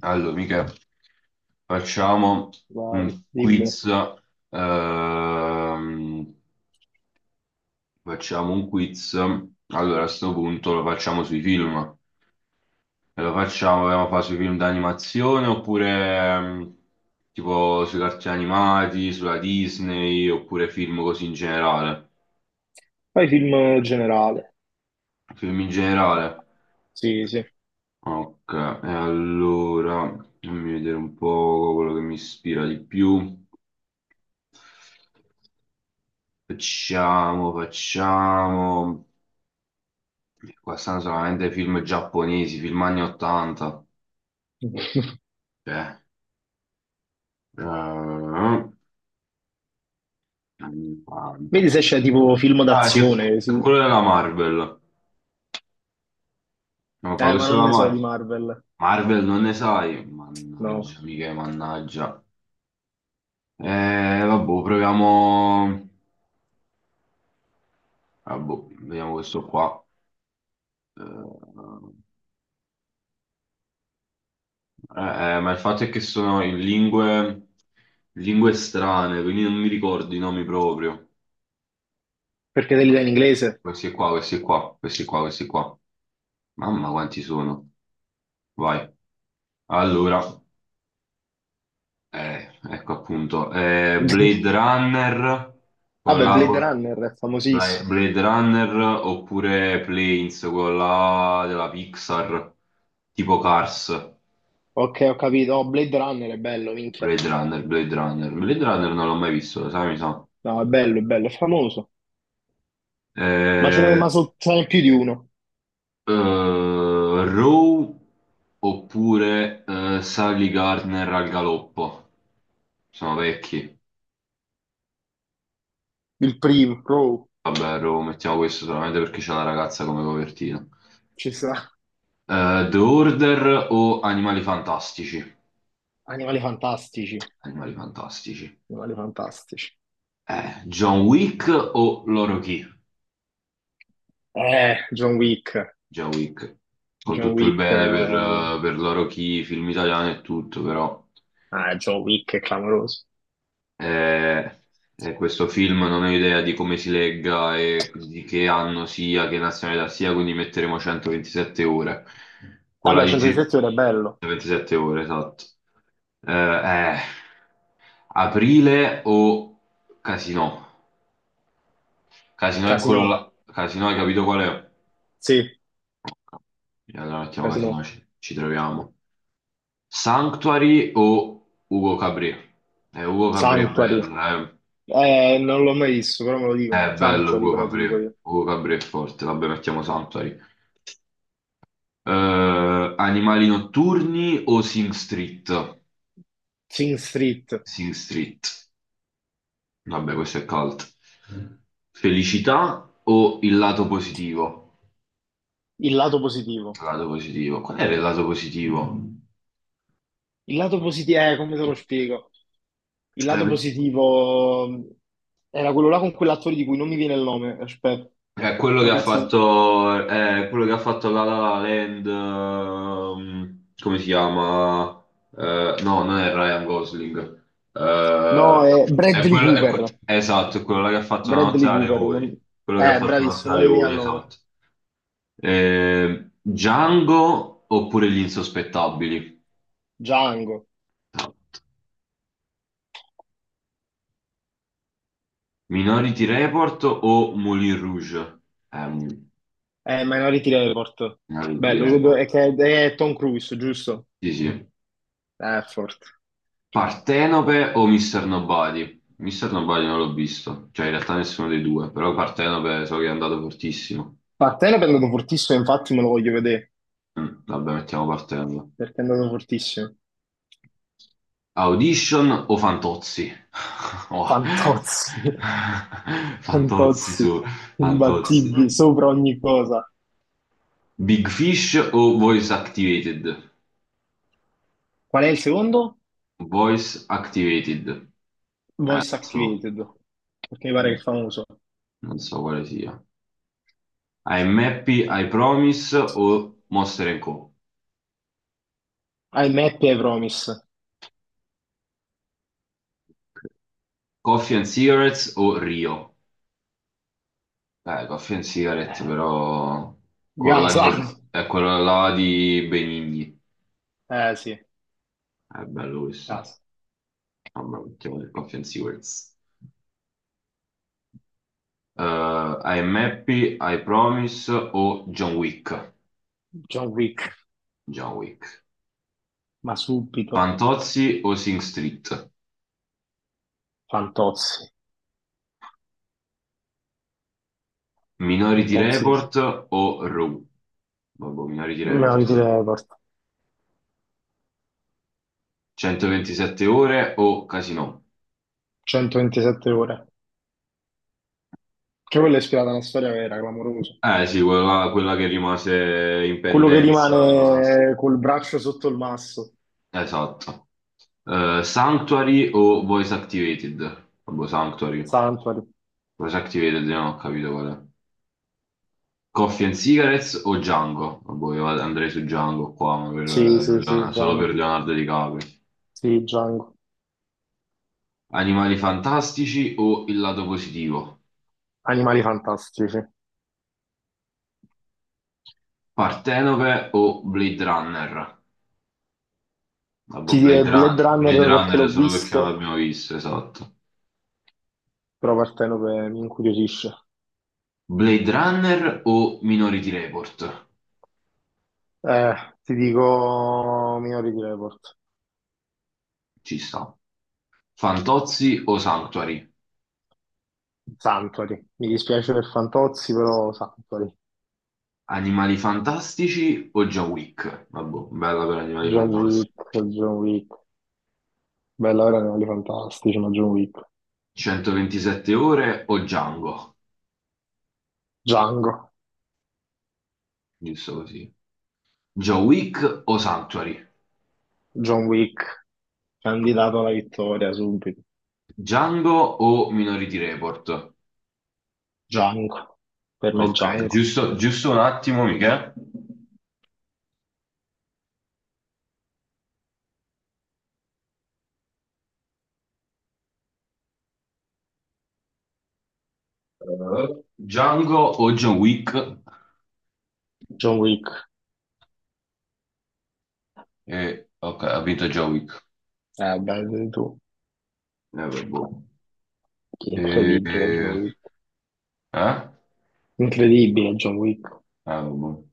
Allora, mica facciamo Vai, un dimmi. quiz. ehm, Facciamo un quiz. Allora, a questo punto lo facciamo sui film. E lo facciamo, vogliamo fare sui film d'animazione oppure tipo sui cartoni animati, sulla Disney, oppure film così in generale. Fai film generale. Film in generale. Sì, sì. Ok, e allora fammi vedere un po' quello che mi ispira di più. Facciamo. Qua stanno solamente film giapponesi, film anni 80. Cioè, eh, anni 80. Vedi se c'è tipo film Ah, c'è d'azione. c'è Sì. quello della Marvel. No, fa Ma questo non della ne so di Marvel. Marvel. Marvel non ne sai. No, Mannaggia, mica, mannaggia. Eh, Vabbè, proviamo. Vabbè, vediamo questo qua. Eh, ma il fatto è che sono in lingue, lingue strane, quindi non mi ricordo i nomi proprio. perché te li dai in inglese? Questi qua, questi qua, questi qua, questi qua. Mamma quanti sono. Vai. Allora, ecco appunto. Vabbè, Blade Runner, con la Blade Runner è famosissimo. Blade Runner oppure Planes, con la della Pixar, tipo Cars. Ok, ho capito. Oh, Blade Runner è bello, minchia. Blade Runner, Blade Runner. Blade Runner non l'ho mai visto, lo sai, mi sa. No, è bello, è bello, è famoso. Ma ce ne, Eh, ma so- ce n'è più di uno. Row oppure Sally Gardner al galoppo. Sono vecchi. Il primo, bro. Vabbè, lo mettiamo questo solamente perché c'è la ragazza come copertina. Ci sta. The Order o Animali Fantastici? Animali fantastici. Animali Fantastici. Animali fantastici. John Wick o Loro Chi? John Wick. John Wick. Con John tutto il Wick. bene per Loro Chi, film italiano e tutto, però Ah, John Wick è clamoroso. eh, questo film non ho idea di come si legga e di che anno sia, che nazionalità sia, quindi metteremo 127 ore. No, no. Vabbè, centro di Polarizzate sezione è bello. 27 ore, esatto. Eh, eh. Aprile o Casino? Casino è quello Casino, là. Casino, hai capito qual è? sì, E allora mettiamo Casino, Casino. Ci troviamo. Sanctuary o Ugo Cabré? Ugo Cabré è Santo, Sanctuary. bello, Non l'ho mai visto, però me lo dicono. È bello Sanctuary, Ugo però ti dico Cabré. io. Ugo Cabré è forte, vabbè, mettiamo Sanctuary. Animali notturni o Sing Street? Sing Street, Sing Street. Vabbè, questo è cult. Felicità o il lato positivo? il lato positivo. Lato positivo. Qual era il lato positivo? Il lato positivo, come te lo spiego? Il lato Eh, positivo era quello là con quell'attore di cui non mi viene il nome. Aspetta, è quello che come ha cazzo? Fatto, è quello che ha fatto La La La Land, come si chiama? No, non è Ryan Gosling. Eh, No, è è Bradley quello, Cooper. esatto, è quello là che ha fatto Una notte Bradley da Cooper. Leoni. Quello che ha fatto Una notte Bravissimo, da non mi viene leoni, il nome. esatto. Django oppure Gli insospettabili? Django. Minority Report o Moulin Rouge? Eh, Minority Report. Minority Bello, Report. quello è che è Tom Cruise, giusto? Sì, sì. Forte. Partenope o Mr. Nobody? Mr. Nobody non l'ho visto, cioè in realtà nessuno dei due, però Partenope so che è andato fortissimo. Partenope è andato fortissimo, infatti me lo voglio vedere, Mm, vabbè, mettiamo Partenope. perché è andato fortissimo. Audition o Fantozzi? Oh. Fantozzi. Fantozzi Fantozzi. su, Imbattibili, Fantozzi. sopra ogni cosa. Big Fish o Voice Activated? Qual è il secondo? Voice Activated. Voice So, Activated, perché mi pare che mm, è famoso. non so quale sia. I'm Happy, I Promise o Monster and Co. I'm Happy, I Promise. Coffee and Cigarettes o Rio? Coffee and Cigarettes, Eh, però quello là non Gaza. lo di, so. È quello là di Benigni. Eh sì, È bello questo. Gaza. Vabbè, mettiamo il Coffee and Cigarettes. Eh, I'm Happy, I Promise o John Wick? John Wick, John Wick. ma subito. Fantozzi o Sing Street? Fantozzi. Minority Fantozzi. Report o Raw? Vabbè, Minority Me lo Report. ritirerei. 127 ore o Casino? 127 ore. Che quella è ispirata a una storia vera, clamorosa. Eh sì, quella che rimase in Quello che pendenza. rimane col braccio sotto il masso. Esatto. Sanctuary o Voice Activated? Vabbè, Sanctuary. Sanctuary. Voice Activated, non ho capito qual è. Coffee and Cigarettes o Django? Vabbè, andrei su Django qua, ma per, Sì, sì, sì. sì, Solo per Django. Leonardo DiCaprio. Sì, Django. Animali fantastici o il lato positivo? Animali fantastici. Partenope o Blade Runner? Vabbè, Ti direi Blade sono Blade Runner perché l'ho Runner solo perché non visto, l'abbiamo visto, esatto. però Partenope mi incuriosisce. Blade Runner o Minority Report? Eh, ti dico Minority Report. Ci sta. Fantozzi o Sanctuary? Sanctuary. Mi dispiace per Fantozzi, però Sanctuary. Animali Fantastici o John Wick? Vabbè, bella per Animali John Fantastici. Wick, John Wick. Bella era Animali fantastici, ma John Wick. 127 ore o Django? Django. Giusto così. John Wick o Sanctuary? John Wick. Candidato alla vittoria subito. Django o Minority Report? Django. Per me Ok, Django. giusto, giusto un attimo, Michele. Django o John Wick? John Wick. Ok, ha vinto John Wick. Beh, vedi tu. Vabbè. Incredibile John Eh, Wick. eh? Incredibile John Wick. Ah, robot.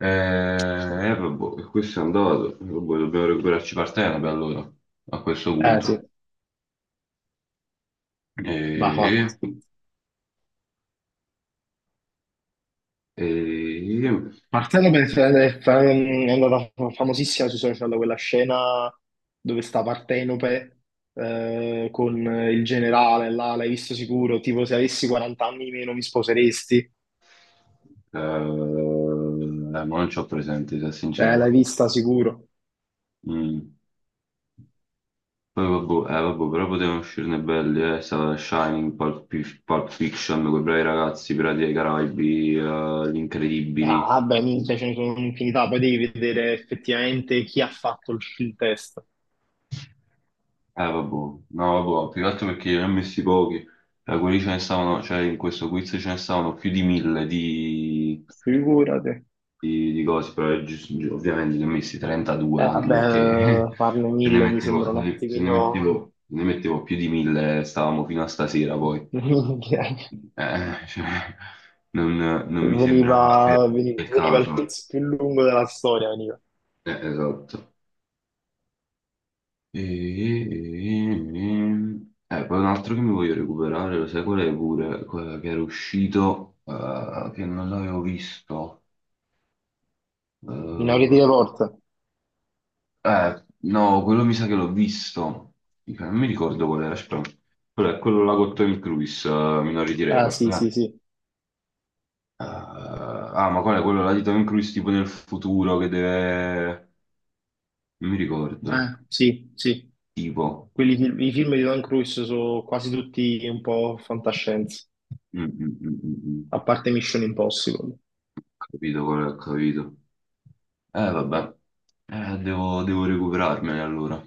Eh, è il robot, e questo è andato. Il robot, dobbiamo recuperarci Partenope per allora, a questo Eh sì, punto. va E, fatto. e- Partendo per è andata famosissima sui social quella scena dove sta Partenope con il generale là, l'hai visto sicuro? Tipo se avessi 40 anni di meno mi sposeresti. eh, non ci ho presenti, se L'hai sincero. vista sicuro. Mm. Poi vabbè, vabbè, però potevano uscirne belli, eh. Stava Shining, Pulp Fiction, quei bravi ragazzi, Pirati dei Caraibi, Gli Incredibili. Ah, beh, minchia, ce ne sono un'infinità, poi devi vedere effettivamente chi ha fatto il test. Vabbè, no, vabbè, più che altro perché ne ho messi pochi. Quelli ce ne stavano, cioè in questo quiz ce ne stavano più di mille di, Figurati. Di cose, però ovviamente ne ho messi 32, anche perché Vabbè, farne se ne 1.000 mi mettevo, se sembra un ne, se ne attimino. mettevo, se ne mettevo più di mille stavamo fino a stasera poi. Minchia. Eh, cioè, non mi sembrava per Veniva, veni- il veniva il caso. quiz più lungo della storia, veniva. Esatto. E, e- poi un altro che mi voglio recuperare, lo sai qual è pure? Quella che era uscito, che non l'avevo visto. Minority Eh, Report. No, quello mi sa che l'ho visto. Non mi ricordo qual era, aspetta. Quello è quello là con Tom Cruise, Minority Ah, Report. sì, sì, sì. Ah, ma qual è quello là di Tom Cruise tipo nel futuro che deve... Non mi ricordo. Sì, sì. Tipo... I film di Tom Cruise sono quasi tutti un po' fantascienza, Mm, mm, mm, mm, mm. a parte Mission Impossible. Capito, qual è, ho capito. Vabbè. Devo recuperarmene allora.